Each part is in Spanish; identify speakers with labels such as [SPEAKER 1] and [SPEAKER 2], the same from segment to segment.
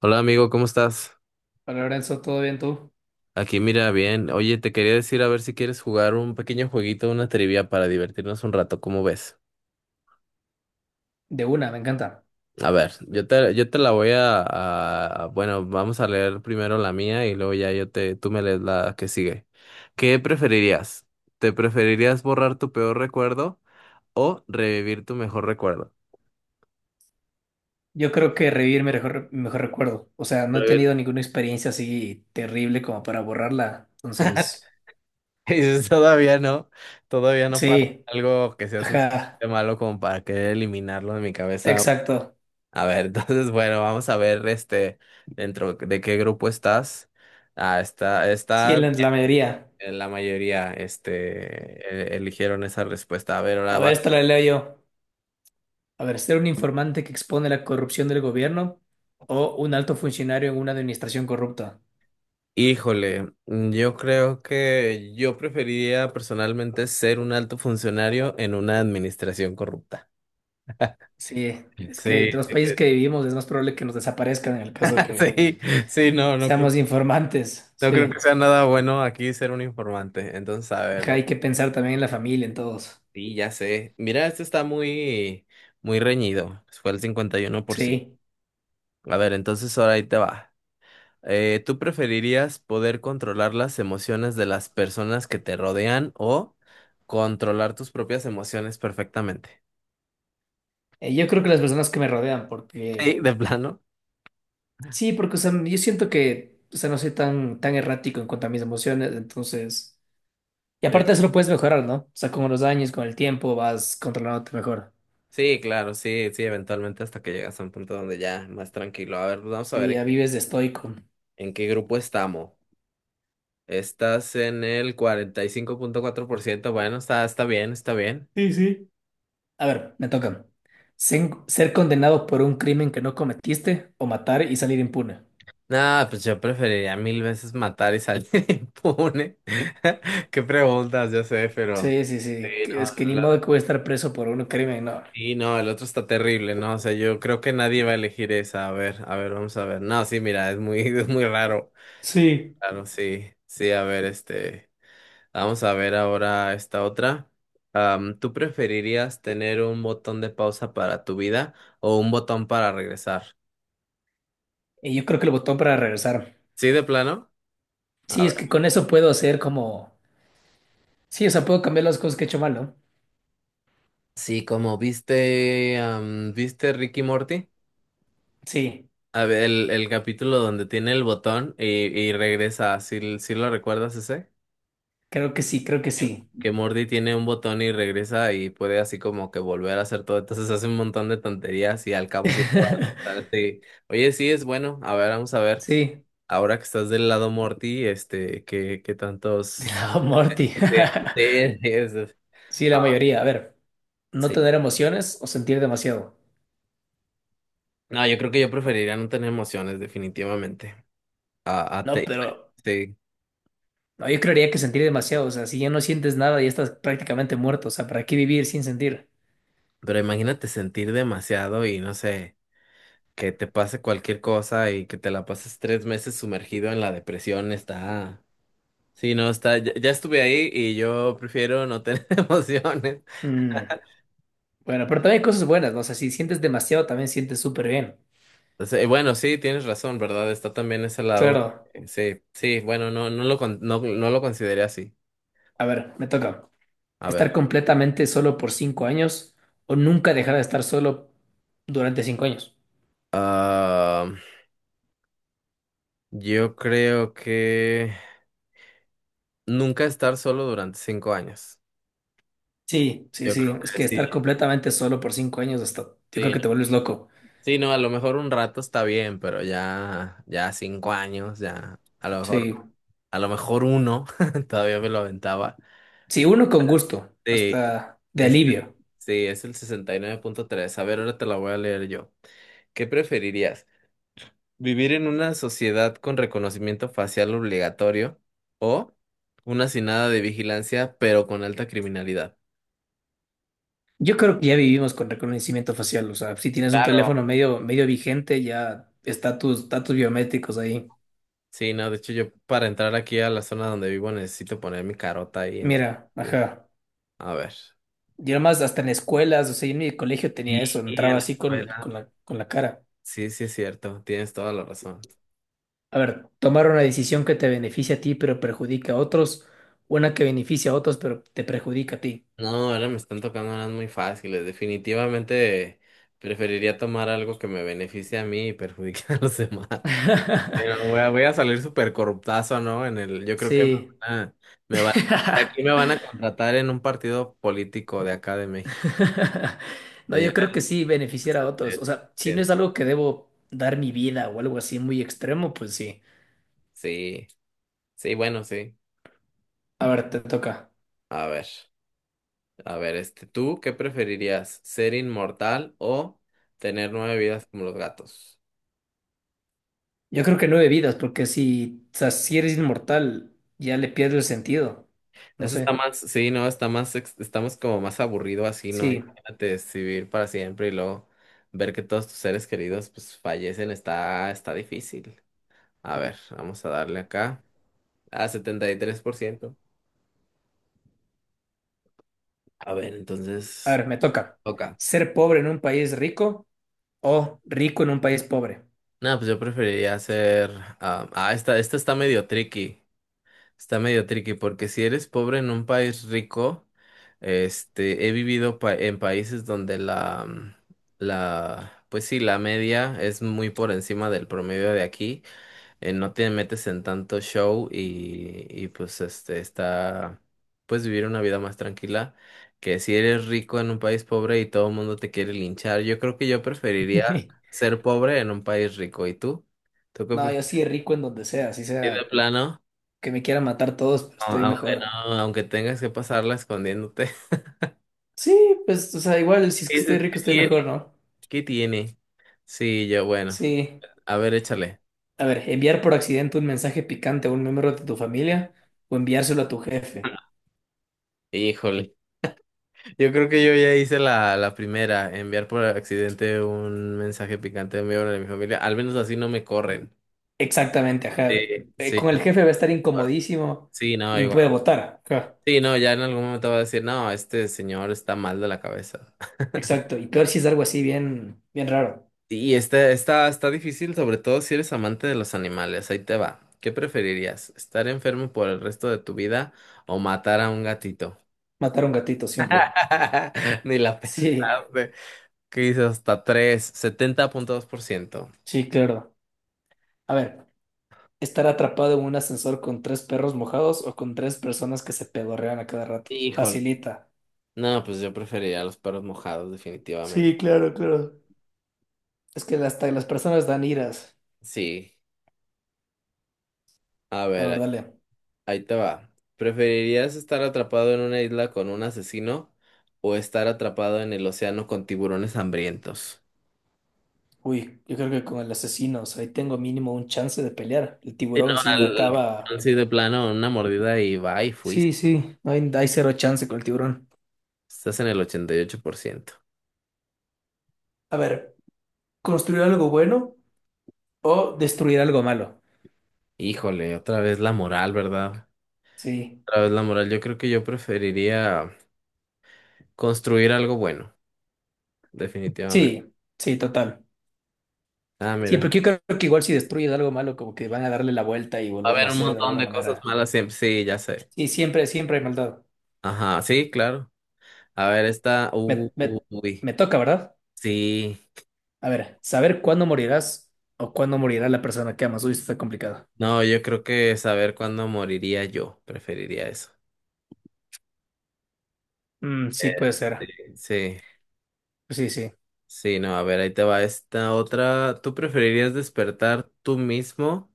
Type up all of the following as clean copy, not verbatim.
[SPEAKER 1] Hola amigo, ¿cómo estás?
[SPEAKER 2] Hola Lorenzo, ¿todo bien tú?
[SPEAKER 1] Aquí mira bien. Oye, te quería decir a ver si quieres jugar un pequeño jueguito, una trivia para divertirnos un rato, ¿cómo ves?
[SPEAKER 2] De una, me encanta.
[SPEAKER 1] A ver, yo te la voy bueno, vamos a leer primero la mía y luego ya tú me lees la que sigue. ¿Qué preferirías? ¿Te preferirías borrar tu peor recuerdo o revivir tu mejor recuerdo?
[SPEAKER 2] Yo creo que revivir mi mejor recuerdo. O sea, no he
[SPEAKER 1] Revivir.
[SPEAKER 2] tenido ninguna experiencia así terrible como para borrarla. Entonces,
[SPEAKER 1] Y dices, todavía no pasa
[SPEAKER 2] sí,
[SPEAKER 1] algo que sea
[SPEAKER 2] ajá,
[SPEAKER 1] suficiente malo como para querer eliminarlo de mi cabeza.
[SPEAKER 2] exacto.
[SPEAKER 1] A ver, entonces, bueno, vamos a ver este dentro de qué grupo estás. Ah, está,
[SPEAKER 2] Sí,
[SPEAKER 1] está
[SPEAKER 2] la mayoría.
[SPEAKER 1] la mayoría, este, eligieron esa respuesta. A ver, ahora
[SPEAKER 2] A ver,
[SPEAKER 1] abajo.
[SPEAKER 2] esta la leo yo. A ver, ser un informante que expone la corrupción del gobierno o un alto funcionario en una administración corrupta.
[SPEAKER 1] Híjole, yo creo que yo preferiría personalmente ser un alto funcionario en una administración corrupta.
[SPEAKER 2] Sí, es que
[SPEAKER 1] Sí,
[SPEAKER 2] de los países que vivimos es más probable que nos desaparezcan en el caso de que
[SPEAKER 1] sí, sí, no, no creo,
[SPEAKER 2] seamos informantes.
[SPEAKER 1] no creo que
[SPEAKER 2] Sí,
[SPEAKER 1] sea nada bueno aquí ser un informante. Entonces, a ver,
[SPEAKER 2] ajá, hay que pensar también en la familia, en todos.
[SPEAKER 1] sí, ya sé. Mira, este está muy, muy reñido. Fue el 51%.
[SPEAKER 2] Sí.
[SPEAKER 1] A ver, entonces ahora ahí te va. ¿Tú preferirías poder controlar las emociones de las personas que te rodean o controlar tus propias emociones perfectamente?
[SPEAKER 2] Yo creo que las personas que me rodean, porque
[SPEAKER 1] Sí, de plano.
[SPEAKER 2] sí, porque o sea, yo siento que o sea, no soy tan, tan errático en cuanto a mis emociones, entonces, y
[SPEAKER 1] Sí,
[SPEAKER 2] aparte eso lo puedes mejorar, ¿no? O sea, con los años, con el tiempo, vas controlándote mejor
[SPEAKER 1] sí, claro, sí, sí, eventualmente hasta que llegas a un punto donde ya más tranquilo. A ver, vamos a ver
[SPEAKER 2] y ya vives de estoico.
[SPEAKER 1] en qué grupo estamos. Estás en el 45.4%. Bueno, está bien, está bien.
[SPEAKER 2] Sí, sí. A ver, me toca. Ser condenado por un crimen que no cometiste o matar y salir impune.
[SPEAKER 1] No, pues yo preferiría mil veces matar y salir impune. Qué preguntas, yo sé, pero...
[SPEAKER 2] Sí, sí,
[SPEAKER 1] Sí,
[SPEAKER 2] sí,
[SPEAKER 1] no,
[SPEAKER 2] es que ni
[SPEAKER 1] la-
[SPEAKER 2] modo que voy a estar preso por un crimen, no.
[SPEAKER 1] sí, no, el otro está terrible, ¿no? O sea, yo creo que nadie va a elegir esa. A ver, vamos a ver. No, sí, mira, es muy, es muy raro.
[SPEAKER 2] Sí.
[SPEAKER 1] Claro, sí, sí, a ver, este. Vamos a ver ahora esta otra. ¿Tú preferirías tener un botón de pausa para tu vida o un botón para regresar?
[SPEAKER 2] Y yo creo que el botón para regresar.
[SPEAKER 1] ¿Sí, de plano?
[SPEAKER 2] Sí,
[SPEAKER 1] A
[SPEAKER 2] es
[SPEAKER 1] ver.
[SPEAKER 2] que con eso puedo hacer como... Sí, o sea, puedo cambiar las cosas que he hecho mal, ¿no?
[SPEAKER 1] Sí, como viste, ¿viste Ricky Morty?
[SPEAKER 2] Sí,
[SPEAKER 1] A ver, el capítulo donde tiene el botón y regresa, ¿sí, sí lo recuerdas ese?
[SPEAKER 2] creo que sí, creo que sí.
[SPEAKER 1] Que Morty tiene un botón y regresa y puede así como que volver a hacer todo. Entonces hace un montón de tonterías y al cabo sí lo va a regresar. Sí. Oye, sí, es bueno. A ver, vamos a ver.
[SPEAKER 2] Sí,
[SPEAKER 1] Ahora que estás del lado Morty, este, ¿qué
[SPEAKER 2] de
[SPEAKER 1] tantos...
[SPEAKER 2] la Morty.
[SPEAKER 1] Sí, sí, es-
[SPEAKER 2] Sí, la mayoría. A ver, no
[SPEAKER 1] sí.
[SPEAKER 2] tener emociones o sentir demasiado.
[SPEAKER 1] No, yo creo que yo preferiría no tener emociones, definitivamente.
[SPEAKER 2] No,
[SPEAKER 1] Bueno,
[SPEAKER 2] pero
[SPEAKER 1] sí.
[SPEAKER 2] no, yo creería que sentir demasiado. O sea, si ya no sientes nada, ya estás prácticamente muerto. O sea, ¿para qué vivir sin sentir?
[SPEAKER 1] Pero imagínate sentir demasiado y no sé, que te pase cualquier cosa y que te la pases 3 meses sumergido en la depresión, está. Sí, no, está. Ya estuve ahí y yo prefiero no tener emociones.
[SPEAKER 2] Mm, Bueno, pero también hay cosas buenas, ¿no? O sea, si sientes demasiado, también sientes súper bien.
[SPEAKER 1] Entonces, bueno, sí, tienes razón, ¿verdad? Está también ese lado.
[SPEAKER 2] Claro.
[SPEAKER 1] Sí, sí, bueno, no, no lo consideré así.
[SPEAKER 2] A ver, me toca.
[SPEAKER 1] A ver.
[SPEAKER 2] Estar completamente solo por 5 años o nunca dejar de estar solo durante 5 años.
[SPEAKER 1] ah, yo creo que nunca estar solo durante 5 años.
[SPEAKER 2] Sí, sí,
[SPEAKER 1] Yo
[SPEAKER 2] sí.
[SPEAKER 1] creo
[SPEAKER 2] Es
[SPEAKER 1] que
[SPEAKER 2] que estar
[SPEAKER 1] sí.
[SPEAKER 2] completamente solo por cinco años hasta, yo creo
[SPEAKER 1] Sí,
[SPEAKER 2] que te vuelves loco.
[SPEAKER 1] sí, no, a lo mejor un rato está bien, pero ya, ya 5 años, ya, a lo mejor,
[SPEAKER 2] Sí,
[SPEAKER 1] a lo mejor uno, todavía me lo aventaba.
[SPEAKER 2] sí, uno con gusto,
[SPEAKER 1] Sí,
[SPEAKER 2] hasta de
[SPEAKER 1] es,
[SPEAKER 2] alivio.
[SPEAKER 1] sí, es el 69.3. A ver, ahora te la voy a leer yo. ¿Qué preferirías? ¿Vivir en una sociedad con reconocimiento facial obligatorio o una sin nada de vigilancia, pero con alta criminalidad?
[SPEAKER 2] Yo creo que ya vivimos con reconocimiento facial. O sea, si tienes un
[SPEAKER 1] Claro.
[SPEAKER 2] teléfono medio, medio vigente, ya está tus datos biométricos ahí.
[SPEAKER 1] Sí, no, de hecho yo para entrar aquí a la zona donde vivo necesito poner mi carota ahí, entonces,
[SPEAKER 2] Mira,
[SPEAKER 1] sí.
[SPEAKER 2] ajá.
[SPEAKER 1] A ver.
[SPEAKER 2] Y además hasta en escuelas, o sea, yo en mi colegio tenía
[SPEAKER 1] Sí,
[SPEAKER 2] eso,
[SPEAKER 1] en
[SPEAKER 2] entraba
[SPEAKER 1] la
[SPEAKER 2] así con, con
[SPEAKER 1] escuela.
[SPEAKER 2] la, con la cara.
[SPEAKER 1] Sí, sí, es cierto, tienes toda la razón.
[SPEAKER 2] A ver, tomar una decisión que te beneficia a ti pero perjudica a otros, una que beneficia a otros pero te perjudica a ti.
[SPEAKER 1] No, ahora me están tocando unas muy fáciles. Definitivamente preferiría tomar algo que me beneficie a mí y perjudique a los demás. Pero voy a salir súper corruptazo, ¿no? Yo creo que
[SPEAKER 2] Sí.
[SPEAKER 1] van a, aquí me van a contratar en un partido político de acá de México.
[SPEAKER 2] No,
[SPEAKER 1] De-
[SPEAKER 2] yo creo que sí beneficiar a otros.
[SPEAKER 1] de-
[SPEAKER 2] O sea, si no
[SPEAKER 1] de-
[SPEAKER 2] es algo que debo dar mi vida o algo así muy extremo, pues sí.
[SPEAKER 1] sí, sí, bueno, sí.
[SPEAKER 2] A ver, te toca.
[SPEAKER 1] A ver. A ver, este, ¿tú qué preferirías? ¿Ser inmortal o tener nueve vidas como los gatos?
[SPEAKER 2] Yo creo que nueve vidas, porque si, o sea, si eres inmortal, ya le pierdo el sentido. No
[SPEAKER 1] Eso está
[SPEAKER 2] sé.
[SPEAKER 1] más, sí, no, está más, estamos como más aburrido así, ¿no?
[SPEAKER 2] Sí.
[SPEAKER 1] Imagínate vivir para siempre y luego ver que todos tus seres queridos pues fallecen, está difícil. A ver, vamos a darle acá a 73%. A ver,
[SPEAKER 2] A
[SPEAKER 1] entonces,
[SPEAKER 2] ver, me toca.
[SPEAKER 1] toca.
[SPEAKER 2] ¿Ser pobre en un país rico o rico en un país pobre?
[SPEAKER 1] No, pues yo preferiría ser, esta está medio tricky. Está medio tricky porque si eres pobre en un país rico, este, he vivido en países donde pues sí, la media es muy por encima del promedio de aquí, no te metes en tanto show y pues puedes vivir una vida más tranquila que si eres rico en un país pobre y todo el mundo te quiere linchar. Yo creo que yo preferiría ser pobre en un país rico. ¿Y tú? ¿Tú qué
[SPEAKER 2] No, yo
[SPEAKER 1] prefieres
[SPEAKER 2] sí rico en donde sea, así
[SPEAKER 1] de
[SPEAKER 2] sea
[SPEAKER 1] plano?
[SPEAKER 2] que me quieran matar todos, pero estoy
[SPEAKER 1] Aunque
[SPEAKER 2] mejor.
[SPEAKER 1] no, aunque tengas que pasarla escondiéndote.
[SPEAKER 2] Sí, pues, o sea, igual si es que estoy
[SPEAKER 1] Dices, ¿qué
[SPEAKER 2] rico, estoy
[SPEAKER 1] tiene?
[SPEAKER 2] mejor, ¿no?
[SPEAKER 1] ¿Qué tiene? Sí, yo, bueno,
[SPEAKER 2] Sí.
[SPEAKER 1] a ver, échale.
[SPEAKER 2] A ver, enviar por accidente un mensaje picante a un miembro de tu familia o enviárselo a tu jefe.
[SPEAKER 1] Híjole, yo creo que yo ya hice la primera, enviar por accidente un mensaje picante de mi hora de mi familia, al menos así no me corren.
[SPEAKER 2] Exactamente,
[SPEAKER 1] Sí,
[SPEAKER 2] ajá.
[SPEAKER 1] sí,
[SPEAKER 2] Con
[SPEAKER 1] no,
[SPEAKER 2] el jefe va a estar
[SPEAKER 1] bueno,
[SPEAKER 2] incomodísimo
[SPEAKER 1] sí, no,
[SPEAKER 2] y me
[SPEAKER 1] igual.
[SPEAKER 2] puede votar. Ajá.
[SPEAKER 1] Sí, no, ya en algún momento va a decir, no, este señor está mal de la cabeza.
[SPEAKER 2] Exacto. Y peor si es algo así bien, bien raro.
[SPEAKER 1] Y está difícil, sobre todo si eres amante de los animales. Ahí te va. ¿Qué preferirías? ¿Estar enfermo por el resto de tu vida o matar a un gatito?
[SPEAKER 2] Matar a un gatito simple.
[SPEAKER 1] Ni la
[SPEAKER 2] Sí,
[SPEAKER 1] pensaste. ¿Qué hizo? Hasta tres 70.2%.
[SPEAKER 2] sí, claro. A ver, estar atrapado en un ascensor con tres perros mojados o con tres personas que se pedorrean a cada rato.
[SPEAKER 1] Híjole.
[SPEAKER 2] Facilita.
[SPEAKER 1] No, pues yo preferiría los perros mojados, definitivamente.
[SPEAKER 2] Sí, claro, claro. Es que hasta las personas dan iras.
[SPEAKER 1] Sí. A
[SPEAKER 2] La
[SPEAKER 1] ver, ahí,
[SPEAKER 2] verdad, Leo.
[SPEAKER 1] ahí te va. ¿Preferirías estar atrapado en una isla con un asesino o estar atrapado en el océano con tiburones hambrientos?
[SPEAKER 2] Uy, yo creo que con el asesino, o sea, ahí tengo mínimo un chance de pelear. El
[SPEAKER 1] Sí, no,
[SPEAKER 2] tiburón sí me acaba.
[SPEAKER 1] sí, de plano, una mordida y va y
[SPEAKER 2] Sí,
[SPEAKER 1] fuiste.
[SPEAKER 2] sí, no hay, hay cero chance con el tiburón.
[SPEAKER 1] Estás en el 88%.
[SPEAKER 2] A ver, ¿construir algo bueno o destruir algo malo?
[SPEAKER 1] Híjole, otra vez la moral, ¿verdad?
[SPEAKER 2] Sí,
[SPEAKER 1] Otra vez la moral. Yo creo que yo preferiría construir algo bueno, definitivamente.
[SPEAKER 2] sí, sí, total.
[SPEAKER 1] Ah,
[SPEAKER 2] Sí,
[SPEAKER 1] mira.
[SPEAKER 2] porque yo creo que igual si destruyes algo malo, como que van a darle la vuelta y
[SPEAKER 1] Va a
[SPEAKER 2] volverlo a
[SPEAKER 1] haber un
[SPEAKER 2] hacer de
[SPEAKER 1] montón
[SPEAKER 2] alguna
[SPEAKER 1] de cosas
[SPEAKER 2] manera.
[SPEAKER 1] malas siempre. Sí, ya sé.
[SPEAKER 2] Sí, siempre, siempre hay maldad.
[SPEAKER 1] Ajá, sí, claro. A ver, esta.
[SPEAKER 2] Me, me,
[SPEAKER 1] Uy,
[SPEAKER 2] me toca, ¿verdad?
[SPEAKER 1] sí.
[SPEAKER 2] A ver, saber cuándo morirás o cuándo morirá la persona que amas. Uy, esto está complicado.
[SPEAKER 1] No, yo creo que saber cuándo moriría yo. Preferiría eso.
[SPEAKER 2] Mm, sí,
[SPEAKER 1] Eh,
[SPEAKER 2] puede ser.
[SPEAKER 1] sí. Sí.
[SPEAKER 2] Sí, sí.
[SPEAKER 1] Sí, no, a ver, ahí te va esta otra. ¿Tú preferirías despertar tú mismo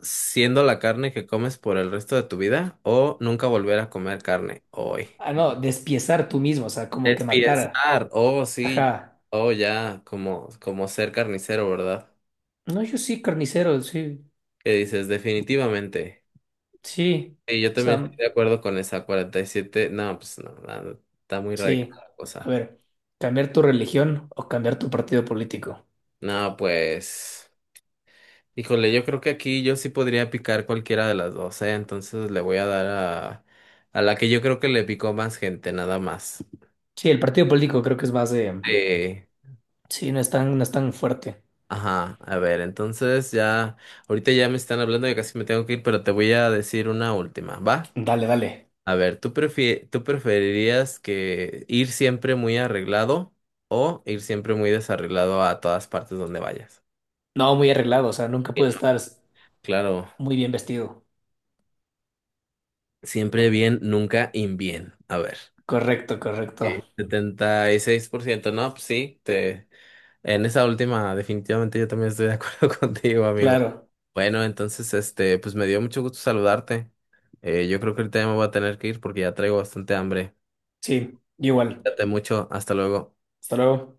[SPEAKER 1] siendo la carne que comes por el resto de tu vida o nunca volver a comer carne hoy?
[SPEAKER 2] Ah, no, despiezar tú mismo, o sea, como
[SPEAKER 1] Es
[SPEAKER 2] que matar.
[SPEAKER 1] pensar, oh sí,
[SPEAKER 2] Ajá.
[SPEAKER 1] oh ya, como ser carnicero, ¿verdad?
[SPEAKER 2] No, yo sí, carnicero, sí,
[SPEAKER 1] ¿Qué dices? Definitivamente.
[SPEAKER 2] sí.
[SPEAKER 1] Y yo
[SPEAKER 2] O
[SPEAKER 1] también estoy
[SPEAKER 2] sea,
[SPEAKER 1] de acuerdo con esa 47. No, pues no, no, está muy radical
[SPEAKER 2] sí.
[SPEAKER 1] la
[SPEAKER 2] A
[SPEAKER 1] cosa.
[SPEAKER 2] ver, cambiar tu religión o cambiar tu partido político.
[SPEAKER 1] No, pues. Híjole, yo creo que aquí yo sí podría picar cualquiera de las dos, ¿eh? Entonces le voy a dar a la que yo creo que le picó más gente, nada más.
[SPEAKER 2] Sí, el partido político creo que es más de...
[SPEAKER 1] Eh,
[SPEAKER 2] Sí, no es tan, no es tan fuerte.
[SPEAKER 1] ajá, a ver, entonces ya, ahorita ya me están hablando, y casi me tengo que ir, pero te voy a decir una última, ¿va?
[SPEAKER 2] Dale, dale.
[SPEAKER 1] A ver, ¿tú tú preferirías que ir siempre muy arreglado o ir siempre muy desarreglado a todas partes donde vayas?
[SPEAKER 2] No, muy arreglado, o sea, nunca
[SPEAKER 1] Sí,
[SPEAKER 2] puede
[SPEAKER 1] no.
[SPEAKER 2] estar
[SPEAKER 1] Claro,
[SPEAKER 2] muy bien vestido.
[SPEAKER 1] siempre bien, nunca in bien. A ver.
[SPEAKER 2] Correcto,
[SPEAKER 1] Sí.
[SPEAKER 2] correcto.
[SPEAKER 1] 76%. No, pues sí, en esa última definitivamente yo también estoy de acuerdo contigo, amigo.
[SPEAKER 2] Claro,
[SPEAKER 1] Bueno, entonces, este, pues me dio mucho gusto saludarte. Yo creo que ahorita ya me voy a tener que ir porque ya traigo bastante hambre.
[SPEAKER 2] sí, igual.
[SPEAKER 1] Cuídate mucho, hasta luego.
[SPEAKER 2] Hasta luego.